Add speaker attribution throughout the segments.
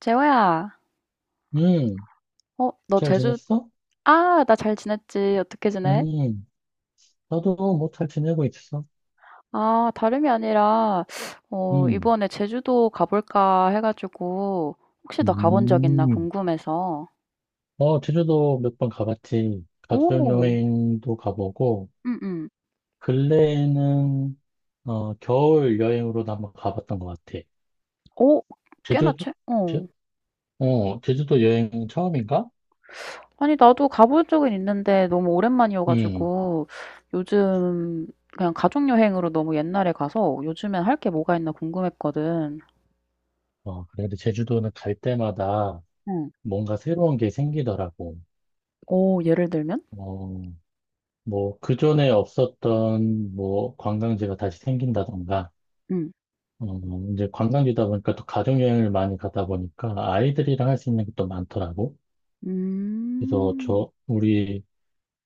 Speaker 1: 재호야,
Speaker 2: 음,
Speaker 1: 너
Speaker 2: 잘
Speaker 1: 제주.
Speaker 2: 지냈어?
Speaker 1: 아, 나 잘 지냈지. 어떻게 지내?
Speaker 2: 음, 나도 뭐 잘 지내고 있어.
Speaker 1: 아, 다름이 아니라,
Speaker 2: 음,
Speaker 1: 이번에 제주도 가볼까 해가지고, 혹시 너 가본 적 있나
Speaker 2: 음.
Speaker 1: 궁금해서.
Speaker 2: 어, 제주도 몇 번 가봤지.
Speaker 1: 오,
Speaker 2: 가족여행도 가보고,
Speaker 1: 응, 응.
Speaker 2: 근래에는, 겨울 여행으로도 한번 가봤던 것 같아.
Speaker 1: 오, 꽤나
Speaker 2: 제주도?
Speaker 1: 최,
Speaker 2: 제,
Speaker 1: 어.
Speaker 2: 제주도 여행 처음인가?
Speaker 1: 아니, 나도 가본 적은 있는데, 너무
Speaker 2: 음,
Speaker 1: 오랜만이어가지고, 요즘, 그냥 가족여행으로 너무 옛날에 가서, 요즘엔 할 게 뭐가 있나 궁금했거든.
Speaker 2: 어, 그래도 제주도는 갈 때마다
Speaker 1: 응.
Speaker 2: 뭔가 새로운 게 생기더라고.
Speaker 1: 오, 예를 들면?
Speaker 2: 어, 뭐, 그전에 없었던, 뭐, 관광지가 다시 생긴다던가,
Speaker 1: 응.
Speaker 2: 어, 이제 관광지다 보니까 또 가족여행을 많이 가다 보니까 아이들이랑 할 수 있는 것도 많더라고. 그래서
Speaker 1: 음.
Speaker 2: 저, 우리,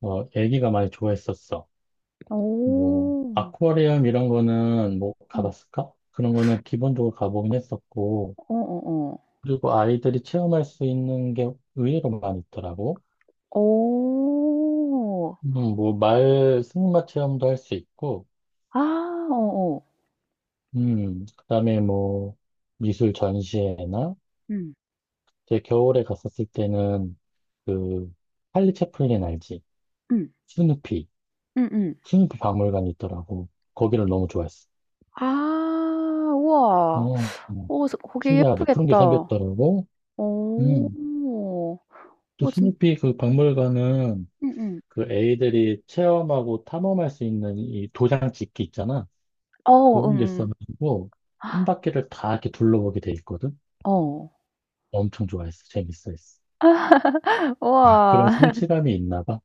Speaker 2: 어, 애기가 많이 좋아했었어. 뭐,
Speaker 1: 오
Speaker 2: 아쿠아리움 이런 거는 뭐
Speaker 1: 음.
Speaker 2: 가봤을까? 그런 거는 기본적으로 가보긴 했었고,
Speaker 1: 어어어.
Speaker 2: 그리고 아이들이 체험할 수 있는 게 의외로 많이 있더라고.
Speaker 1: 어.
Speaker 2: 뭐, 승마 체험도 할 수 있고,
Speaker 1: 아 어어.
Speaker 2: 그다음에 뭐, 미술 전시회나
Speaker 1: 음.
Speaker 2: 제 겨울에 갔었을 때는 그 찰리 채플린 알지?
Speaker 1: 음.
Speaker 2: 스누피,
Speaker 1: 음음.
Speaker 2: 스누피 박물관이 있더라고. 거기를 너무 좋아했어.
Speaker 1: 아 우와.
Speaker 2: 어, 어,
Speaker 1: 어 저 거기
Speaker 2: 신기하지? 그런 게
Speaker 1: 예쁘겠다.
Speaker 2: 생겼더라고.
Speaker 1: 어.
Speaker 2: 음, 또
Speaker 1: 어 진
Speaker 2: 스누피 그 박물관은
Speaker 1: 음음.
Speaker 2: 그 애들이 체험하고 탐험할 수 있는 이 도장 찍기 있잖아.
Speaker 1: 어
Speaker 2: 그런 게
Speaker 1: 음음.
Speaker 2: 있어가지고 한 바퀴를 다 이렇게 둘러보게 돼 있거든.
Speaker 1: 어.
Speaker 2: 엄청 좋아했어. 재밌어했어.
Speaker 1: 우와.
Speaker 2: 그런 성취감이 있나 봐.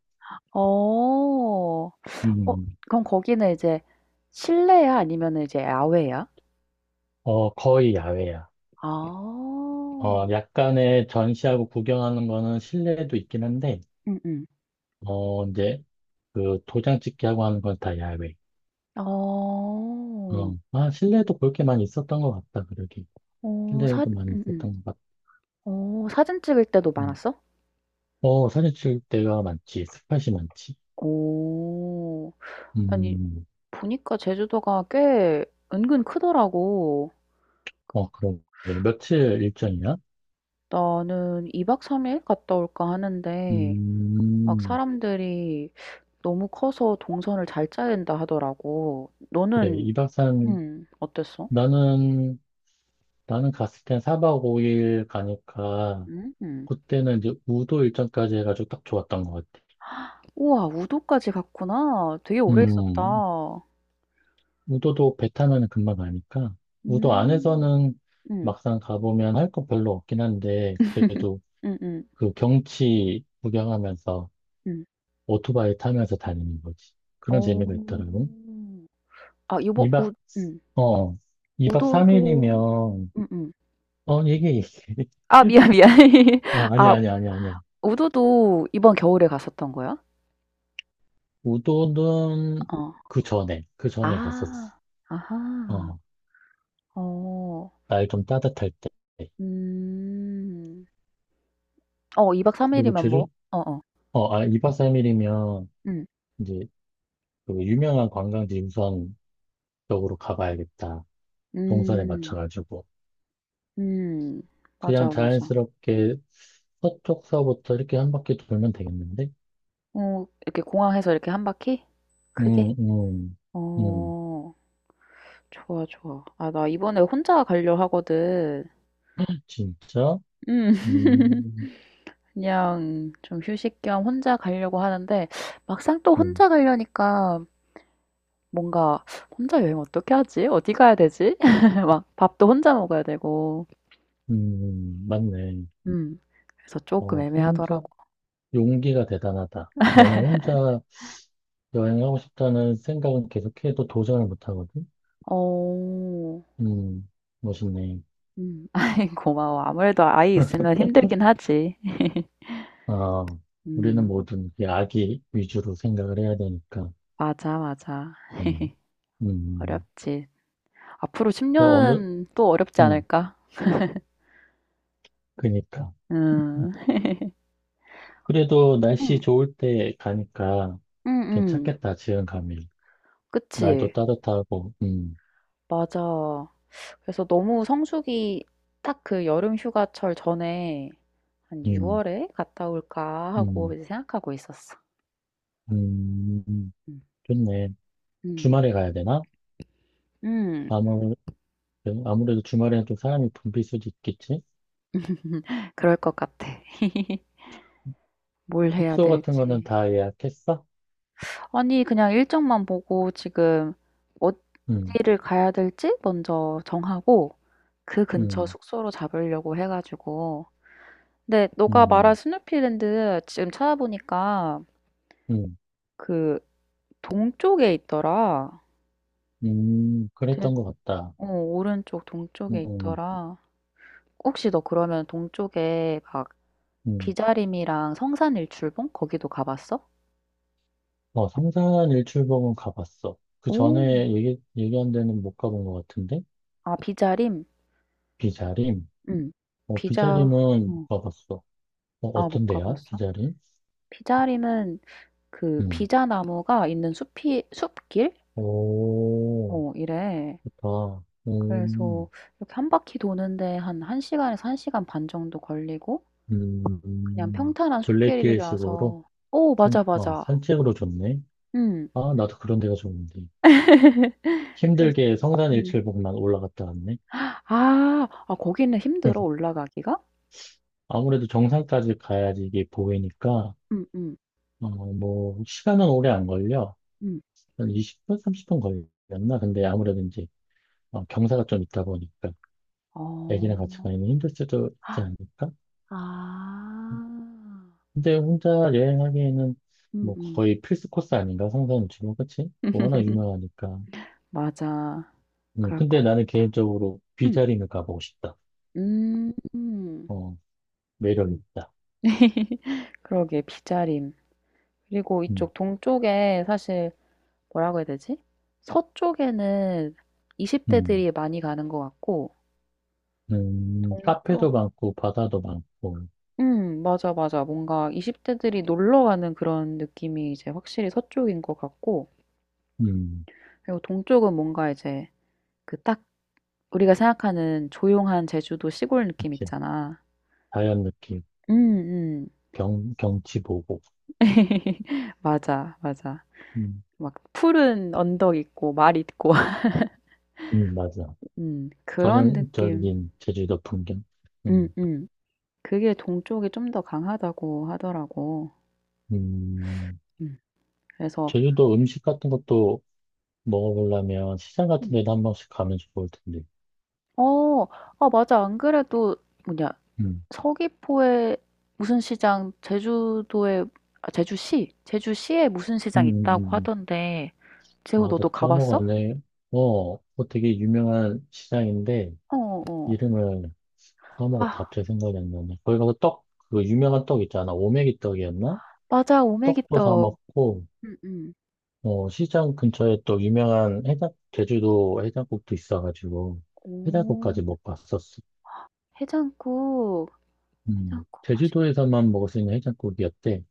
Speaker 1: 어.
Speaker 2: 음,
Speaker 1: 어
Speaker 2: 음.
Speaker 1: 그럼 거기는 이제 실내야? 아니면은 이제 야외야?
Speaker 2: 어, 거의 야외야.
Speaker 1: 아.
Speaker 2: 약간의 전시하고 구경하는 거는 실내도 있긴 한데,
Speaker 1: 음음.
Speaker 2: 이제 그 도장 찍기하고 하는 건 다 야외.
Speaker 1: 어.
Speaker 2: 실내도 볼 게 많이 있었던 것 같다, 그러게.
Speaker 1: 어 사
Speaker 2: 실내에도 많이
Speaker 1: 음음.
Speaker 2: 있었던 것 같다.
Speaker 1: 어 사진 찍을 때도
Speaker 2: 음.
Speaker 1: 많았어?
Speaker 2: 어, 사진 찍을 때가 많지, 스팟이 많지.
Speaker 1: 오오 아니
Speaker 2: 음,
Speaker 1: 보니까 제주도가 꽤 은근 크더라고.
Speaker 2: 어, 그럼 네, 며칠 일정이야?
Speaker 1: 나는 2박 3일 갔다 올까 하는데 막
Speaker 2: 음,
Speaker 1: 사람들이 "너무 커서 동선을 잘 짜야 된다." 하더라고.
Speaker 2: 그래,
Speaker 1: 너는 어땠어?
Speaker 2: 나는, 나는 갔을 땐 4박 5일 가니까,
Speaker 1: 음. 음.
Speaker 2: 그때는 이제 우도 일정까지 해가지고 딱 좋았던 것 같아.
Speaker 1: 우와, 우도까지 갔구나. 되게 오래 있었다.
Speaker 2: 음, 우도도 배 타면은 금방 가니까 우도
Speaker 1: 음.
Speaker 2: 안에서는
Speaker 1: 음.
Speaker 2: 막상 가보면 할 거 별로 없긴 한데 그래도
Speaker 1: 음음.
Speaker 2: 그 경치 구경하면서
Speaker 1: 음. 음.
Speaker 2: 오토바이 타면서 다니는 거지. 그런
Speaker 1: 어.
Speaker 2: 재미가 있더라고.
Speaker 1: 아 요번
Speaker 2: 2박
Speaker 1: 우 음.
Speaker 2: 어 이박
Speaker 1: 우도도
Speaker 2: 3일이면
Speaker 1: 음음.
Speaker 2: 어 이게
Speaker 1: 아 미안, 미안.
Speaker 2: 아니
Speaker 1: 아
Speaker 2: 아니 아니 아니야.
Speaker 1: 우도도 이번 겨울에 갔었던 거야?
Speaker 2: 우도는
Speaker 1: 어.
Speaker 2: 그 전에
Speaker 1: 아.
Speaker 2: 갔었어.
Speaker 1: 아하.
Speaker 2: 어
Speaker 1: 어.
Speaker 2: 날 좀 따뜻할 때.
Speaker 1: 음. 어 2박 3
Speaker 2: 그리고
Speaker 1: 일이면
Speaker 2: 제주
Speaker 1: 뭐 어어.
Speaker 2: 어아 2박 3일이면
Speaker 1: 음.
Speaker 2: 이제 그 유명한 관광지 우선 쪽으로 가봐야겠다. 동선에
Speaker 1: 음.
Speaker 2: 맞춰가지고.
Speaker 1: 음.
Speaker 2: 그냥
Speaker 1: 맞아, 맞아.
Speaker 2: 자연스럽게 서쪽서부터 이렇게 한 바퀴 돌면 되겠는데?
Speaker 1: 어 이렇게 공항에서 이렇게 한 바퀴? 크게?
Speaker 2: 음, 음, 음,
Speaker 1: 어. 좋아, 좋아. 아 나 이번에 혼자 가려 하거든.
Speaker 2: 진짜?
Speaker 1: 음.
Speaker 2: 음,
Speaker 1: 그냥 좀 휴식 겸 혼자 가려고 하는데 막상 또
Speaker 2: 음,
Speaker 1: 혼자 가려니까 뭔가 '혼자 여행 어떻게 하지? 어디 가야 되지?' 막 밥도 혼자 먹어야 되고.
Speaker 2: 맞네.
Speaker 1: 음. 그래서 조금
Speaker 2: 어,
Speaker 1: 애매하더라
Speaker 2: 혼자,
Speaker 1: 고
Speaker 2: 용기가 대단하다. 너는 혼자 여행하고 싶다는 생각은 계속해도 도전을 못하거든?
Speaker 1: 오 어.
Speaker 2: 음, 멋있네.
Speaker 1: 음. 아이, 고마워. 아무래도 아이 있으면 힘들긴 하지.
Speaker 2: 아, 우리는
Speaker 1: 음.
Speaker 2: 모든 이 아기 위주로 생각을 해야 되니까.
Speaker 1: 맞아, 맞아.
Speaker 2: 음, 음.
Speaker 1: 어렵지. 앞으로 10
Speaker 2: 그 어느,
Speaker 1: 년은 또 어렵지
Speaker 2: 음,
Speaker 1: 않을까?
Speaker 2: 그니까. 음,
Speaker 1: 음.
Speaker 2: 그래도 날씨
Speaker 1: 음.
Speaker 2: 좋을 때 가니까
Speaker 1: 음음.
Speaker 2: 괜찮겠다, 지금 가면. 날도
Speaker 1: 그치.
Speaker 2: 따뜻하고,
Speaker 1: 맞아. 그래서 너무 성수기 딱 그 여름 휴가철 전에 한
Speaker 2: 음,
Speaker 1: 6월에 갔다 올까 하고
Speaker 2: 음,
Speaker 1: 이제 생각하고 있었어.
Speaker 2: 음,
Speaker 1: 음,
Speaker 2: 좋네.
Speaker 1: 음,
Speaker 2: 주말에 가야 되나?
Speaker 1: 음.
Speaker 2: 아무, 아무래도 주말에는 좀 사람이 붐빌 수도 있겠지?
Speaker 1: 그럴 것 같아. 뭘 해야
Speaker 2: 숙소 같은 거는
Speaker 1: 될지.
Speaker 2: 다 예약했어?
Speaker 1: 아니, 그냥 일정만 보고 지금
Speaker 2: 음,
Speaker 1: 어디를 가야 될지 먼저 정하고 그 근처
Speaker 2: 음,
Speaker 1: 숙소로 잡으려고 해가지고. 근데 너가 말한
Speaker 2: 음,
Speaker 1: 스누피랜드 지금 찾아보니까
Speaker 2: 음,
Speaker 1: 그 동쪽에 있더라. 제-
Speaker 2: 그랬던 것 같다.
Speaker 1: 어, 오른쪽 동쪽에
Speaker 2: 음,
Speaker 1: 있더라. 혹시 너 그러면 동쪽에 막
Speaker 2: 음.
Speaker 1: 비자림이랑 성산일출봉 거기도 가봤어?
Speaker 2: 어, 삼산 일출봉은 가봤어. 그
Speaker 1: 오,
Speaker 2: 전에 얘기한 데는 못 가본 것 같은데?
Speaker 1: 아, 비자림?
Speaker 2: 비자림?
Speaker 1: 응.
Speaker 2: 어,
Speaker 1: 비자,
Speaker 2: 비자림은
Speaker 1: 어.
Speaker 2: 가봤어. 어,
Speaker 1: 아, 못
Speaker 2: 어떤데요?
Speaker 1: 가봤어?
Speaker 2: 비자림?
Speaker 1: 비자림은 그
Speaker 2: 음.
Speaker 1: 비자나무가 있는 숲이, 숲길?
Speaker 2: 오,
Speaker 1: 어, 이래.
Speaker 2: 좋다.
Speaker 1: 그래서 이렇게 한 바퀴 도는데 한 1시간에서 1시간 반 정도 걸리고 그냥
Speaker 2: 음,
Speaker 1: 평탄한
Speaker 2: 둘레길식으로?
Speaker 1: 숲길이라서, 오, 맞아, 맞아.
Speaker 2: 산책으로 좋네.
Speaker 1: 응.
Speaker 2: 아, 나도 그런 데가 좋은데.
Speaker 1: 그래서,
Speaker 2: 힘들게
Speaker 1: 음.
Speaker 2: 성산일출봉만 올라갔다 왔네.
Speaker 1: 아, 아, 거기는 힘들어, 올라가기가?
Speaker 2: 아무래도 정상까지 가야지 이게 보이니까,
Speaker 1: 응, 응,
Speaker 2: 어, 뭐, 시간은 오래 안 걸려.
Speaker 1: 응.
Speaker 2: 한 20분, 30분 걸렸나? 근데 아무래도 이제, 경사가 좀 있다 보니까,
Speaker 1: 어,
Speaker 2: 애기랑 같이 가면 힘들 수도 있지
Speaker 1: 아,
Speaker 2: 않을까?
Speaker 1: 아.
Speaker 2: 근데 혼자 여행하기에는 뭐
Speaker 1: 음음.
Speaker 2: 거의 필수 코스 아닌가? 성산 유치원, 그치? 워낙 유명하니까.
Speaker 1: 맞아. 그럴
Speaker 2: 근데
Speaker 1: 것
Speaker 2: 나는
Speaker 1: 같아.
Speaker 2: 개인적으로
Speaker 1: 음.
Speaker 2: 비자림을 가보고 싶다.
Speaker 1: 음. 음.
Speaker 2: 어, 매력
Speaker 1: 음.
Speaker 2: 있다.
Speaker 1: 그러게, 비자림. 그리고
Speaker 2: 음,
Speaker 1: 이쪽 동쪽에 사실 뭐라고 해야 되지? 서쪽에는 20
Speaker 2: 음,
Speaker 1: 대들이 많이 가는 것 같고.
Speaker 2: 카페도
Speaker 1: 동쪽
Speaker 2: 많고, 바다도 많고,
Speaker 1: 맞아, 맞아. 뭔가 20 대들이 놀러 가는 그런 느낌이 이제 확실히 서쪽인 것 같고,
Speaker 2: 음,
Speaker 1: 그리고 동쪽은 뭔가 이제 그딱 우리가 생각하는 조용한 제주도 시골 느낌
Speaker 2: 그치.
Speaker 1: 있잖아.
Speaker 2: 자연 느낌,
Speaker 1: 음, 음.
Speaker 2: 경치 보고,
Speaker 1: 맞아, 맞아.
Speaker 2: 음,
Speaker 1: 막 푸른 언덕 있고 말 있고.
Speaker 2: 맞아.
Speaker 1: 그런 느낌.
Speaker 2: 전형적인 제주도 풍경.
Speaker 1: 음,
Speaker 2: 음,
Speaker 1: 음. 그게 동쪽이 좀 더 강하다고 하더라고.
Speaker 2: 음,
Speaker 1: 음. 그래서
Speaker 2: 제주도 음식 같은 것도 먹어보려면 시장 같은
Speaker 1: 음.
Speaker 2: 데도 한 번씩 가면 좋을 텐데.
Speaker 1: 어, 아 맞아. 안 그래도 뭐냐,
Speaker 2: 음,
Speaker 1: 서귀포에 무슨 시장, 제주도에, 아, 제주시에 무슨
Speaker 2: 음,
Speaker 1: 시장
Speaker 2: 음,
Speaker 1: 있다고
Speaker 2: 음.
Speaker 1: 하던데.
Speaker 2: 아,
Speaker 1: 재호,
Speaker 2: 나도
Speaker 1: 너도 가봤어?
Speaker 2: 까먹었네. 뭐 되게 유명한 시장인데,
Speaker 1: 어, 어.
Speaker 2: 이름을 까먹었다.
Speaker 1: 어.
Speaker 2: 갑자기 생각이 안 나네. 거기 가서 떡, 그 유명한 떡 있잖아. 오메기 떡이었나?
Speaker 1: 맞아.
Speaker 2: 떡도 사
Speaker 1: 오메기떡.
Speaker 2: 먹고,
Speaker 1: 음음.
Speaker 2: 시장 근처에 또 유명한 제주도 해장국도 있어가지고,
Speaker 1: 오.
Speaker 2: 해장국까지 먹봤었어.
Speaker 1: 해장국.
Speaker 2: 음,
Speaker 1: 해장국 맛있겠다.
Speaker 2: 제주도에서만 먹을 수 있는 해장국이었대.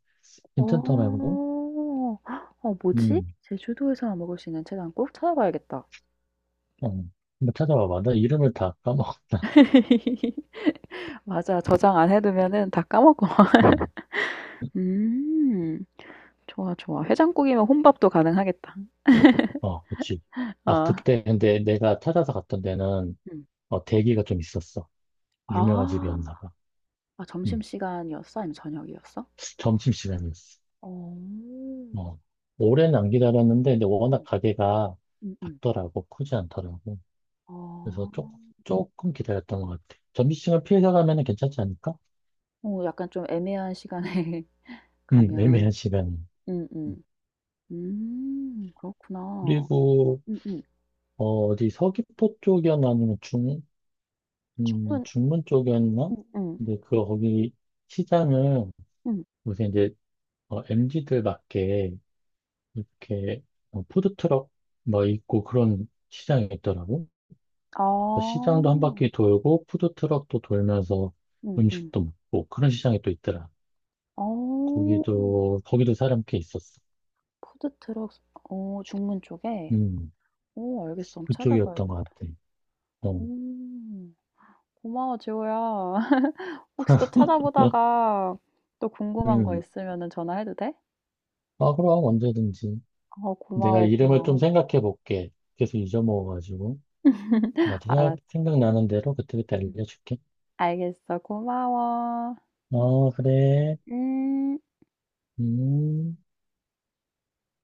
Speaker 2: 괜찮더라고?
Speaker 1: 어. 헉, 어 뭐지?
Speaker 2: 음,
Speaker 1: 제주도에서만 먹을 수 있는 해장국? 찾아봐야겠다.
Speaker 2: 어, 한번 찾아봐봐. 나 이름을 다 까먹었다.
Speaker 1: 맞아. 저장 안 해 두면은 다 까먹어.
Speaker 2: 음.
Speaker 1: 음. 좋아, 좋아. 해장국이면 혼밥도 가능하겠다.
Speaker 2: 어, 그치. 아,
Speaker 1: 아.
Speaker 2: 그때 근데 내가 찾아서 갔던 데는
Speaker 1: 음.
Speaker 2: 대기가 좀 있었어. 유명한 집이었나
Speaker 1: 아.
Speaker 2: 봐.
Speaker 1: 아
Speaker 2: 음,
Speaker 1: 점심시간이었어? 아니면 저녁이었어?
Speaker 2: 점심시간이었어.
Speaker 1: 어. 음.
Speaker 2: 어, 오래는 안 기다렸는데 근데 워낙 가게가
Speaker 1: 음음.
Speaker 2: 작더라고. 크지 않더라고. 그래서
Speaker 1: 어.
Speaker 2: 조금 기다렸던 것 같아. 점심시간 피해서 가면 괜찮지 않을까?
Speaker 1: 어 약간 좀 애매한 시간에
Speaker 2: 애매한
Speaker 1: 가면
Speaker 2: 시간이. 음,
Speaker 1: 음음. 그렇구나.
Speaker 2: 그리고
Speaker 1: 음음.
Speaker 2: 어, 디 서귀포 쪽이었나 아니면 중, 음,
Speaker 1: 저는
Speaker 2: 중문 쪽이었나?
Speaker 1: 음음. 음.
Speaker 2: 근데 그 거기 시장은
Speaker 1: 음.
Speaker 2: 요새 이제 MZ들밖에 이렇게 푸드트럭 뭐 있고 그런 시장이 있더라고.
Speaker 1: 아.
Speaker 2: 그래서 시장도 한 바퀴 돌고 푸드트럭도 돌면서
Speaker 1: 음음.
Speaker 2: 음식도 먹고 그런 시장이 또 있더라.
Speaker 1: 어.
Speaker 2: 거기도 사람 꽤 있었어.
Speaker 1: 푸드트럭, 어 중문 쪽에?
Speaker 2: 음,
Speaker 1: 오, 알겠어. 한번
Speaker 2: 그쪽이었던 것
Speaker 1: 찾아봐야겠다.
Speaker 2: 같아. 어,
Speaker 1: 음. 고마워, 지호야. 혹시 또 찾아보다가 또 궁금한 거
Speaker 2: 음,
Speaker 1: 있으면은 전화해도 돼?
Speaker 2: 그럼 언제든지
Speaker 1: 어,
Speaker 2: 내가
Speaker 1: 고마워,
Speaker 2: 이름을 좀
Speaker 1: 고마워.
Speaker 2: 생각해 볼게. 계속 잊어먹어가지고 나도 생각
Speaker 1: 알았어.
Speaker 2: 생각나는 대로 그때그때
Speaker 1: 응.
Speaker 2: 알려줄게.
Speaker 1: 알겠어. 고마워.
Speaker 2: 어, 그래.
Speaker 1: 음.
Speaker 2: 음.